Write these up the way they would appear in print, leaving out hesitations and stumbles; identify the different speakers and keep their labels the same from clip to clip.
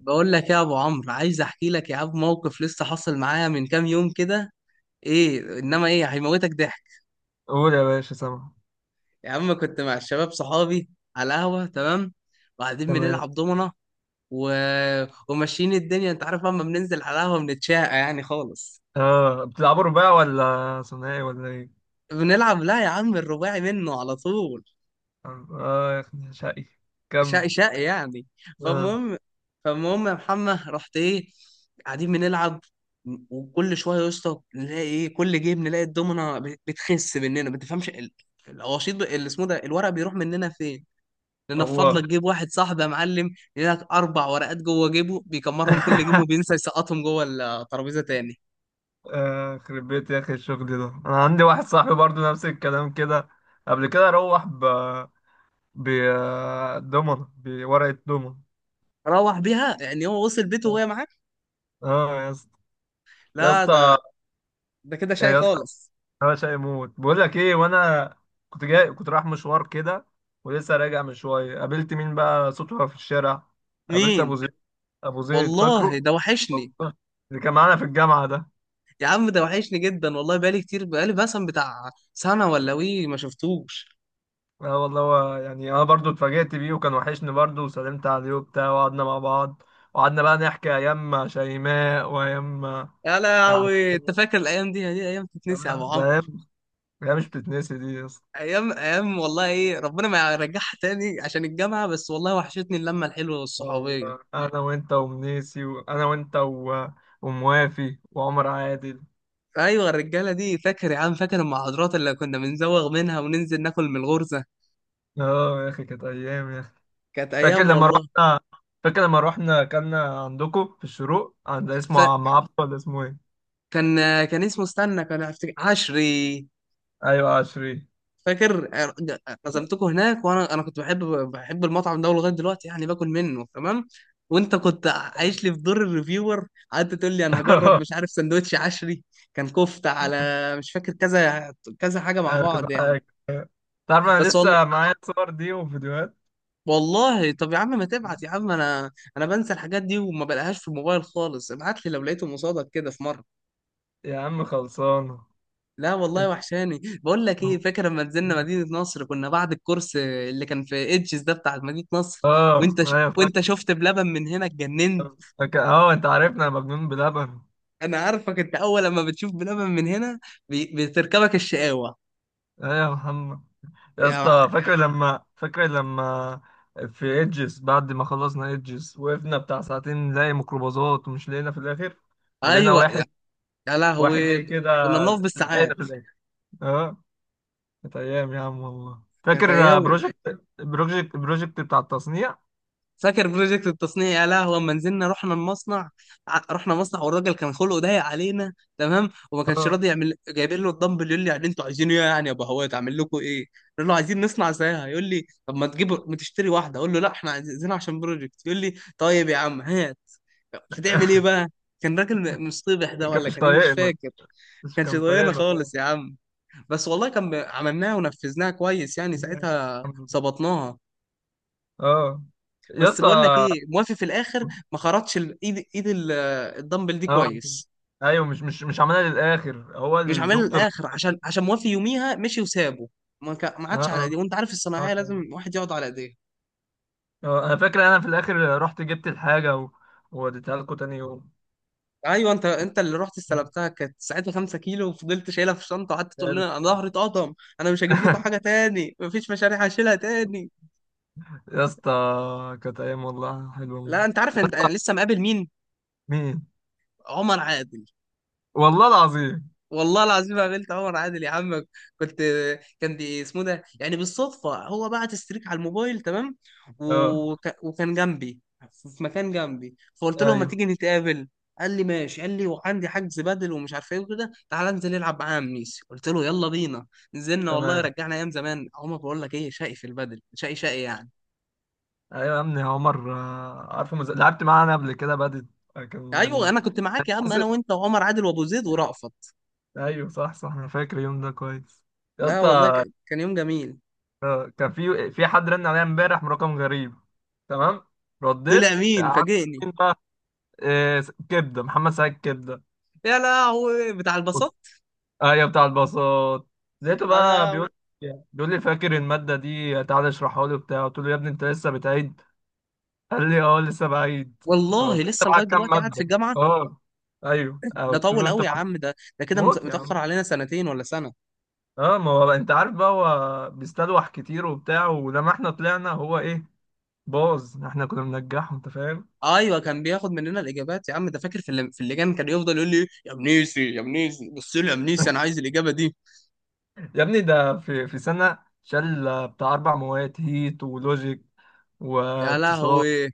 Speaker 1: بقول لك يا ابو عمرو، عايز احكي لك يا عم موقف لسه حصل معايا من كام يوم كده. ايه، انما ايه، هيموتك ضحك.
Speaker 2: قول يا باشا، سامع.
Speaker 1: يا عم، كنت مع الشباب صحابي على قهوه، تمام، وقاعدين
Speaker 2: تمام.
Speaker 1: بنلعب دومنه و... وماشيين الدنيا، انت عارف اما بننزل على قهوه بنتشاقى يعني خالص.
Speaker 2: اه، بتلعبوا رباع ولا ثنائي ولا ايه؟
Speaker 1: بنلعب، لا يا عم، الرباعي منه على طول.
Speaker 2: اه يا اخي، شقي.
Speaker 1: شقي
Speaker 2: كمل.
Speaker 1: شقي يعني.
Speaker 2: اه.
Speaker 1: فالمهم، فالمهم يا محمد، رحت ايه، قاعدين بنلعب وكل شويه يا اسطى نلاقي ايه، كل جيم نلاقي الدومنه بتخس مننا، ما تفهمش الوشيط، اللي اسمه ده، الورق بيروح مننا فين. ننفض
Speaker 2: الله.
Speaker 1: لك جيب واحد صاحبي يا معلم، لك اربع ورقات جوه جيبه بيكمرهم كل جيم وبينسى يسقطهم جوه الترابيزه تاني.
Speaker 2: يخرب بيت يا اخي، الشغل ده. انا عندي واحد صاحبي برضو نفس الكلام كده. قبل كده روح ب دومنة بورقة دومنة.
Speaker 1: روح بيها، يعني هو وصل بيته وهي معاه.
Speaker 2: اه يا اسطى. يا
Speaker 1: لا،
Speaker 2: اسطى.
Speaker 1: ده ده كده شقي
Speaker 2: يا اسطى.
Speaker 1: خالص.
Speaker 2: انا شاي موت، بقول لك ايه، وانا كنت رايح مشوار كده، ولسه راجع من شويه، قابلت مين بقى صدفه في الشارع؟ قابلت ابو
Speaker 1: مين؟
Speaker 2: زيد. ابو زيد، فاكره؟
Speaker 1: والله ده وحشني.
Speaker 2: والله. اللي كان معانا في الجامعه ده.
Speaker 1: يا عم، ده وحشني جدا والله، بقالي كتير، بقالي مثلا بتاع سنة ولا وي ما شفتوش.
Speaker 2: اه والله، هو يعني انا برضو اتفاجئت بيه، وكان وحشني برضو، وسلمت عليه وبتاع، وقعدنا مع بعض. وقعدنا بقى نحكي ايام شيماء وايام.
Speaker 1: يا
Speaker 2: يعني.
Speaker 1: لهوي، انت فاكر الايام دي؟ دي ايام تتنسي يا ابو
Speaker 2: ده
Speaker 1: عمرو؟
Speaker 2: ايام. ايام مش بتتنسي دي يا اسطى.
Speaker 1: ايام ايام والله، ايه ربنا ما يرجعها تاني عشان الجامعة بس، والله وحشتني اللمة الحلوة
Speaker 2: اه
Speaker 1: والصحوبية.
Speaker 2: والله، انا وانت ومنيسي، وموافي وعمر عادل.
Speaker 1: ايوه، الرجالة دي، فاكر يا عم؟ فاكر المحاضرات اللي كنا بنزوغ منها وننزل ناكل من الغرزة؟
Speaker 2: اه يا اخي، كانت ايام يا اخي.
Speaker 1: كانت
Speaker 2: فاكر
Speaker 1: ايام
Speaker 2: لما
Speaker 1: والله.
Speaker 2: رحنا فاكر لما رحنا كنا عندكم في الشروق، عند اسمه عم عبد، ولا اسمه ايه؟
Speaker 1: فكان، كان اسمه، استنى، عشري.
Speaker 2: ايوه، عشري.
Speaker 1: فاكر عزمتكم هناك، وانا كنت بحب المطعم ده لغايه دلوقتي يعني باكل منه، تمام. وانت كنت عايش لي في دور الريفيور، قعدت تقول لي انا هجرب مش عارف سندوتش عشري. كان كفته على، مش فاكر كذا كذا حاجه مع
Speaker 2: انا كنت
Speaker 1: بعض يعني.
Speaker 2: حاجة تعرف، انا
Speaker 1: بس والله،
Speaker 2: لسه معايا الصور دي وفيديوهات.
Speaker 1: والله طب يا عم، ما تبعت يا عم، انا بنسى الحاجات دي وما بلاقيهاش في الموبايل خالص. ابعت لي لو لقيته، مصادك كده في مره.
Speaker 2: يا عم، خلصانه.
Speaker 1: لا والله،
Speaker 2: انت.
Speaker 1: وحشاني. بقول لك ايه، فاكر لما نزلنا مدينة نصر كنا بعد الكورس اللي كان في ايدجز ده بتاع مدينة نصر؟
Speaker 2: اه ايوه،
Speaker 1: وانت
Speaker 2: فاكر.
Speaker 1: شفت بلبن من هنا اتجننت.
Speaker 2: فاكر، اه انت عارفنا، يا مجنون بلبن.
Speaker 1: انا عارفك، انت اول لما بتشوف بلبن من هنا بتركبك الشقاوة.
Speaker 2: ايوه يا محمد. يا
Speaker 1: يا مع...
Speaker 2: اسطى، فاكر لما في ايدجز، بعد ما خلصنا ايدجز، وقفنا بتاع ساعتين نلاقي ميكروباصات، ومش لقينا في الاخر. ولقينا
Speaker 1: ايوه يا,
Speaker 2: واحد
Speaker 1: يا
Speaker 2: واحد
Speaker 1: لهوي،
Speaker 2: جاي كده،
Speaker 1: كنا بنقف
Speaker 2: لحقنا
Speaker 1: بالساعات.
Speaker 2: في الاخر. اه. كانت ايام يا عم والله.
Speaker 1: كانت
Speaker 2: فاكر
Speaker 1: ايام.
Speaker 2: بروجكت بتاع التصنيع.
Speaker 1: فاكر بروجكت التصنيع؟ يا لهوي لما نزلنا رحنا المصنع. رحنا مصنع والراجل كان خلقه ضيق علينا، تمام، وما كانش
Speaker 2: اه.
Speaker 1: راضي يعمل. جايبين له الدمبل يقول لي يعني انتوا عايزينه ايه يعني يا ابو هوات، اعمل لكم ايه؟ نقول له عايزين نصنع زيها، يقول لي طب ما تجيب، ما تشتري واحده، اقول له لا احنا عايزينها عشان بروجكت، يقول لي طيب يا عم هات، هتعمل ايه بقى؟ كان راجل مصطبح ده
Speaker 2: كان
Speaker 1: ولا
Speaker 2: مش
Speaker 1: كان ايه، مش
Speaker 2: طايقنا
Speaker 1: فاكر.
Speaker 2: مش
Speaker 1: كانش
Speaker 2: كان
Speaker 1: ضايقنا
Speaker 2: طايقنا خالص.
Speaker 1: خالص يا عم. بس والله كان، عملناها ونفذناها كويس يعني ساعتها، ظبطناها.
Speaker 2: اه يا
Speaker 1: بس
Speaker 2: اسطى.
Speaker 1: بقول لك ايه، موافي في الاخر ما خرطش ال- ايد ايد ال- الدمبل دي
Speaker 2: اه
Speaker 1: كويس.
Speaker 2: ايوه، مش عملها للاخر هو
Speaker 1: مش عاملها
Speaker 2: الدكتور.
Speaker 1: للاخر عشان، عشان موافي يوميها مشي وسابه، ما
Speaker 2: اه.
Speaker 1: عادش على ايديه،
Speaker 2: اه.
Speaker 1: وانت عارف
Speaker 2: آه.
Speaker 1: الصناعيه لازم
Speaker 2: كان-
Speaker 1: واحد يقعد على ايديه.
Speaker 2: آه، انا فاكر، انا في الاخر رحت جبت الحاجه ووديتها لكم تاني يوم.
Speaker 1: ايوه، انت اللي رحت استلمتها، كانت ساعتها 5 كيلو وفضلت شايلها في الشنطه وقعدت تقول لنا انا ظهري اتقطم. انا مش هجيب لكم حاجه تاني، مفيش مشاريع هشيلها تاني.
Speaker 2: يا اسطى، كانت ايام والله حلوه.
Speaker 1: لا، انت عارف انت، لسه مقابل مين؟
Speaker 2: مين؟
Speaker 1: عمر عادل.
Speaker 2: والله العظيم.
Speaker 1: والله العظيم ما قابلت عمر عادل، يا عم كنت. كان دي اسمه ده، يعني بالصدفه هو بعت ستريك على الموبايل، تمام،
Speaker 2: اه
Speaker 1: وكان جنبي، في مكان جنبي، فقلت له ما
Speaker 2: ايوه،
Speaker 1: تيجي نتقابل. قال لي ماشي، قال لي وعندي حجز بدل ومش عارف ايه وكده، تعالى انزل العب معايا يا ميسي، قلت له يلا بينا. نزلنا والله،
Speaker 2: تمام.
Speaker 1: رجعنا ايام زمان. عمر، بقول لك ايه، شقي في البدل، شقي شقي يعني.
Speaker 2: ايوه يا ابني عمر، عارفه لعبت معانا قبل كده بدت. كان
Speaker 1: ايوه،
Speaker 2: يعني.
Speaker 1: انا كنت معاك يا عم، انا
Speaker 2: حصل.
Speaker 1: وانت وعمر عادل وابو زيد ورأفت.
Speaker 2: ايوه، صح، صح، انا فاكر اليوم ده كويس. يا
Speaker 1: لا والله،
Speaker 2: اسطى.
Speaker 1: كان يوم جميل.
Speaker 2: كان في حد رن عليا امبارح من رقم غريب. تمام. رديت،
Speaker 1: طلع مين
Speaker 2: عارف
Speaker 1: فاجئني؟
Speaker 2: مين بقى؟ إيه... كبده محمد سعيد كبده.
Speaker 1: يا لهوي بتاع
Speaker 2: قلت-
Speaker 1: البساطة.
Speaker 2: ايوه بتاع الباصات. لقيته بقى
Speaker 1: انا
Speaker 2: بيقول لي، فاكر الماده دي، تعالى اشرحها لي وبتاع. قلت له، يا ابني انت لسه بتعيد؟ قال لي اه، لسه بعيد.
Speaker 1: والله
Speaker 2: فقلت له، انت
Speaker 1: لسه لغايه
Speaker 2: معاك كام
Speaker 1: دلوقتي قاعد في
Speaker 2: ماده؟
Speaker 1: الجامعه.
Speaker 2: اه. ايوه
Speaker 1: ده
Speaker 2: قلت
Speaker 1: طول
Speaker 2: له انت
Speaker 1: قوي يا
Speaker 2: معاك.
Speaker 1: عم، ده ده كده
Speaker 2: موت يا
Speaker 1: متاخر
Speaker 2: عم.
Speaker 1: علينا سنتين ولا سنه.
Speaker 2: اه، ما هو انت عارف بقى، هو بيستلوح كتير وبتاع، ولما احنا طلعنا هو ايه؟ باظ. احنا كنا بننجحه، انت فاهم.
Speaker 1: ايوه، كان بياخد مننا الاجابات يا عم، ده فاكر في في اللجان كان يفضل يقول لي يا منيسي، يا منيسي بص لي، يا منيسي انا عايز الاجابه دي.
Speaker 2: يا ابني، ده في سنة شال بتاع أربع مواد، هيت ولوجيك
Speaker 1: يا
Speaker 2: واقتصاد.
Speaker 1: لهوي،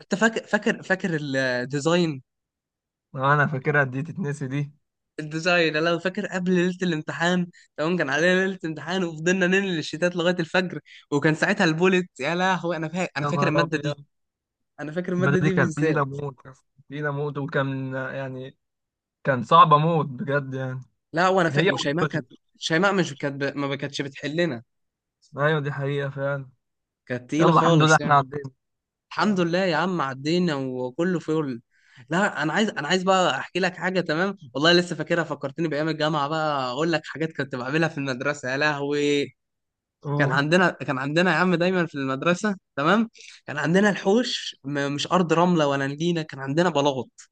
Speaker 1: انت فاكر، فاكر الديزاين؟
Speaker 2: اه، أنا فاكرها، دي تتنسي دي؟
Speaker 1: الديزاين، انا لو فاكر قبل ليله الامتحان، تمام، كان علينا ليله امتحان وفضلنا ننقل الشتات لغايه الفجر، وكان ساعتها البولت. يا لهوي انا فاكر، انا
Speaker 2: يا
Speaker 1: فاكر
Speaker 2: نهار
Speaker 1: الماده دي.
Speaker 2: أبيض.
Speaker 1: انا فاكر
Speaker 2: المادة
Speaker 1: الماده
Speaker 2: دي
Speaker 1: دي
Speaker 2: كانت
Speaker 1: بالذات.
Speaker 2: تقيلة موت يا اسطى، تقيلة موت، وكان يعني كان صعبة موت بجد يعني.
Speaker 1: لا وانا
Speaker 2: هي
Speaker 1: وشيماء كانت،
Speaker 2: واللوجيك.
Speaker 1: شيماء مش كانت ما كانتش بتحلنا.
Speaker 2: أيوة، دي حقيقة فعلا.
Speaker 1: كانت تقيله
Speaker 2: يلا، الحمد لله
Speaker 1: خالص
Speaker 2: إحنا
Speaker 1: يعني.
Speaker 2: عدينا.
Speaker 1: الحمد
Speaker 2: أه.
Speaker 1: لله يا عم عدينا وكله فل. لا، انا عايز، انا عايز بقى احكي لك حاجه، تمام، والله لسه فاكرها، فكرتني بايام الجامعه. بقى اقول لك حاجات كنت بعملها في المدرسه، يا لهوي. كان
Speaker 2: أوه.
Speaker 1: عندنا، كان عندنا يا عم دايما في المدرسه، تمام، كان عندنا الحوش، مش ارض رمله ولا نجيله، كان عندنا بلاط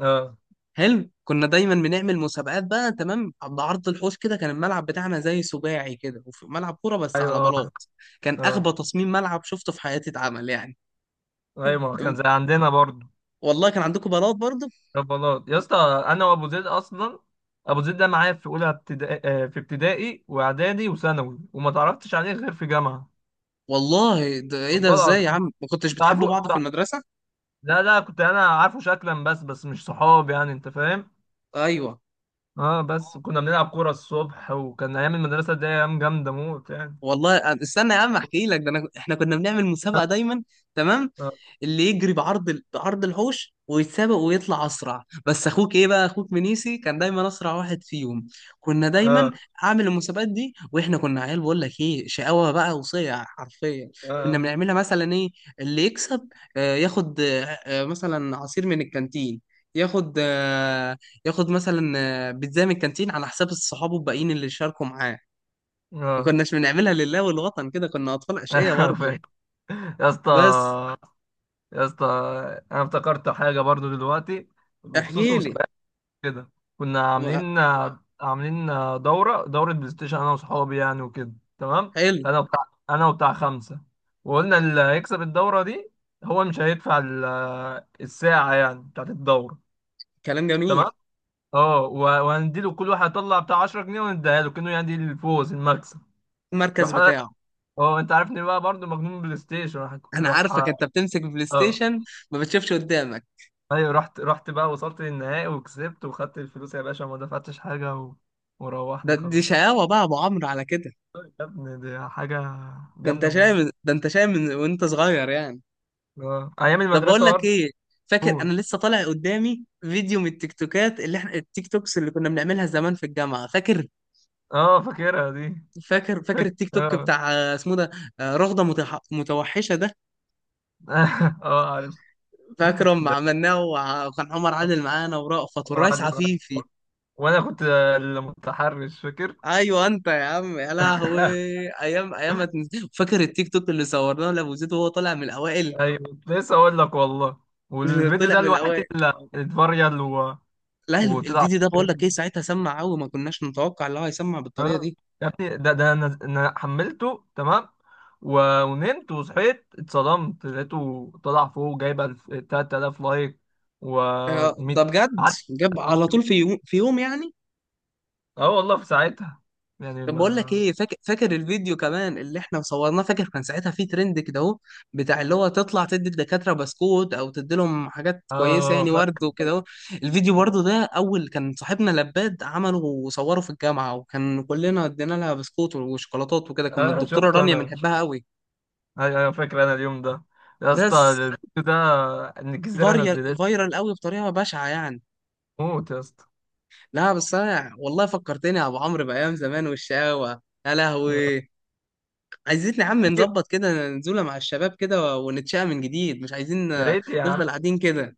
Speaker 2: أه.
Speaker 1: حلو. كنا دايما بنعمل مسابقات بقى، تمام. عند عرض الحوش كده كان الملعب بتاعنا زي سباعي كده، وفي ملعب كوره بس على
Speaker 2: أيوة. أه.
Speaker 1: بلاط. كان
Speaker 2: أه.
Speaker 1: اغبى تصميم ملعب شفته في حياتي اتعمل يعني.
Speaker 2: ايوه، ما هو كان زي عندنا برضه.
Speaker 1: والله كان عندكم بلاط برضه.
Speaker 2: ربلاط يا اسطى. انا وابو زيد اصلا، ابو زيد ده معايا في اولى ابتدائي، في ابتدائي واعدادي وثانوي، وما تعرفتش عليه غير في جامعه.
Speaker 1: والله ده ايه، ده
Speaker 2: والله
Speaker 1: ازاي يا
Speaker 2: العظيم.
Speaker 1: عم ما كنتش
Speaker 2: كنت
Speaker 1: بتحبوا
Speaker 2: عارفه
Speaker 1: بعض في
Speaker 2: بتاع-
Speaker 1: المدرسه؟
Speaker 2: لا، لا، كنت انا عارفه شكلا، بس مش صحاب يعني، انت فاهم.
Speaker 1: ايوه.
Speaker 2: اه، بس كنا بنلعب كوره الصبح، وكان ايام المدرسه دي ايام جامده موت يعني.
Speaker 1: والله استنى يا عم احكي لك ده، احنا كنا بنعمل مسابقه دايما، تمام،
Speaker 2: اه.
Speaker 1: اللي يجري بعرض الحوش ويتسابق ويطلع اسرع، بس اخوك ايه بقى، اخوك منيسي كان دايما اسرع واحد فيهم. كنا دايما
Speaker 2: اه.
Speaker 1: اعمل المسابقات دي، واحنا كنا عيال، بقول لك ايه، شقاوه بقى، وصيع حرفيا. كنا
Speaker 2: اه.
Speaker 1: بنعملها مثلا ايه، اللي يكسب ياخد، مثلا عصير من الكانتين، ياخد ياخد مثلا بيتزا من الكانتين على حساب صحابه الباقيين اللي شاركوا معاه. ما
Speaker 2: اه.
Speaker 1: كناش بنعملها لله والوطن كده، كنا اطفال اشقياء برضه.
Speaker 2: فاكر. يا اسطى.
Speaker 1: بس.
Speaker 2: يا اسطى، انا افتكرت حاجه برضو دلوقتي بخصوص
Speaker 1: احكي لي.
Speaker 2: المسابقات. كده. كنا عاملين دورة بلاي ستيشن، أنا وصحابي يعني وكده. تمام.
Speaker 1: حلو.
Speaker 2: أنا وبتاع أنا وبتاع خمسة. وقلنا اللي هيكسب الدورة دي، هو مش هيدفع الساعة يعني بتاعت الدورة.
Speaker 1: كلام
Speaker 2: تمام.
Speaker 1: جميل.
Speaker 2: اه، وهنديله كل واحد يطلع بتاع 10 جنيه، ونديها له كأنه يعني الفوز، المكسب.
Speaker 1: المركز
Speaker 2: راح أنا-
Speaker 1: بتاعه.
Speaker 2: اه، انت عارفني بقى برضو مجنون بلاي ستيشن، راح
Speaker 1: انا
Speaker 2: راح
Speaker 1: عارفك انت بتمسك بلاي
Speaker 2: اه
Speaker 1: ستيشن ما بتشوفش قدامك.
Speaker 2: ايوه، رحت بقى، وصلت للنهائي وكسبت وخدت الفلوس يا باشا، ما دفعتش حاجة
Speaker 1: ده
Speaker 2: وروحنا
Speaker 1: دي
Speaker 2: خلاص.
Speaker 1: شقاوة بقى يا ابو عمرو على كده.
Speaker 2: يا ابني، دي حاجة
Speaker 1: ده انت
Speaker 2: جامدة موت.
Speaker 1: شايف، ده انت شايف من وانت صغير يعني.
Speaker 2: اه، أيام
Speaker 1: طب بقول
Speaker 2: المدرسة
Speaker 1: لك
Speaker 2: برضه.
Speaker 1: ايه، فاكر
Speaker 2: موت.
Speaker 1: انا لسه طالع قدامي فيديو من التيك توكات اللي احنا، التيك توكس اللي كنا بنعملها زمان في الجامعة، فاكر؟
Speaker 2: اه، فاكرها دي.
Speaker 1: فاكر
Speaker 2: فاكر
Speaker 1: التيك توك
Speaker 2: اه.
Speaker 1: بتاع اسمه ده، رغدة متوحشة ده.
Speaker 2: اه، عارف.
Speaker 1: فاكره لما
Speaker 2: ده
Speaker 1: عملناه، وكان عمر عادل معانا ورأفت
Speaker 2: عمر
Speaker 1: والريس
Speaker 2: عادل معايا.
Speaker 1: عفيفي.
Speaker 2: وأنا كنت المتحرش، فاكر؟
Speaker 1: ايوه انت يا عم، يا لهوي. ايام ايام، ما تنس- فاكر التيك توك اللي صورناه لابو زيد وهو طالع من الاوائل؟
Speaker 2: أيوة، كنت لسه أقول لك والله. والفيديو
Speaker 1: طلع
Speaker 2: ده
Speaker 1: من
Speaker 2: الوحيد
Speaker 1: الاوائل.
Speaker 2: اللي اتفريل
Speaker 1: لا،
Speaker 2: وطلع
Speaker 1: الفيديو ده بقول لك ايه،
Speaker 2: ترند.
Speaker 1: ساعتها سمع قوي، ما كناش نتوقع ان هو هيسمع بالطريقه دي.
Speaker 2: يا ابني، ده أنا حملته تمام، ونمت وصحيت، اتصدمت لقيته طلع فوق جايب 3000 لايك و 100.
Speaker 1: ده بجد جاب على طول في يوم، في يوم يعني.
Speaker 2: اه والله في ساعتها يعني،
Speaker 1: طب بقول لك
Speaker 2: ما
Speaker 1: ايه، فاكر، الفيديو كمان اللي احنا صورناه؟ فاكر كان ساعتها في ترند كده اهو، بتاع اللي هو تطلع تدي الدكاتره بسكوت، او تدي لهم حاجات كويسه
Speaker 2: اه.
Speaker 1: يعني ورد
Speaker 2: فاكر
Speaker 1: وكده
Speaker 2: فاكر
Speaker 1: اهو. الفيديو برضه ده اول كان صاحبنا لباد عمله وصوره في الجامعه، وكان كلنا ادينا لها بسكوت وشوكولاتات وكده، كنا
Speaker 2: اه،
Speaker 1: الدكتوره
Speaker 2: شفته
Speaker 1: رانيا
Speaker 2: انا.
Speaker 1: بنحبها قوي.
Speaker 2: ايوه، ايوه، فاكر انا اليوم ده. يا اسطى،
Speaker 1: بس
Speaker 2: الفيديو ده ان الجزيره
Speaker 1: فاريال،
Speaker 2: نزلت.
Speaker 1: فايرال قوي بطريقه بشعه يعني.
Speaker 2: موت يا اسطى.
Speaker 1: لا بس انا والله فكرتني يا ابو عمرو بايام زمان والشقاوه، يا لهوي. عايزين يا عم
Speaker 2: فاكر.
Speaker 1: نظبط كده نزولة مع الشباب كده ونتشقى من جديد، مش عايزين
Speaker 2: يا ريت يا
Speaker 1: نفضل
Speaker 2: عم.
Speaker 1: قاعدين كده.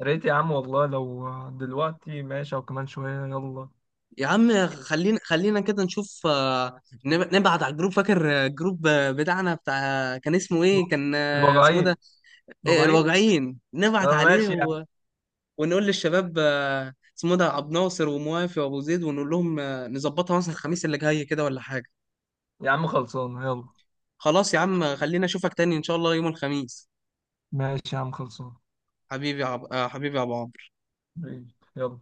Speaker 2: يا ريت يا عم والله، لو دلوقتي ماشي او كمان شويه، يلا.
Speaker 1: يا عم خلينا، كده نشوف، نبعت على الجروب. فاكر الجروب بتاعنا بتاع، كان اسمه ايه، كان اسمه
Speaker 2: الوجعين.
Speaker 1: ده،
Speaker 2: الوجعين.
Speaker 1: الواجعين، نبعت
Speaker 2: اه،
Speaker 1: عليه
Speaker 2: ماشي يا عم.
Speaker 1: ونقول للشباب اسمه ده عبد ناصر وموافي وابو زيد، ونقول لهم نظبطها مثلا الخميس اللي جاي كده ولا حاجة.
Speaker 2: يا عم خلصان، يلا.
Speaker 1: خلاص يا عم خلينا، اشوفك تاني ان شاء الله يوم الخميس.
Speaker 2: ماشي يا عم، خلصان،
Speaker 1: حبيبي يا حبيبي يا عبد.
Speaker 2: يلا.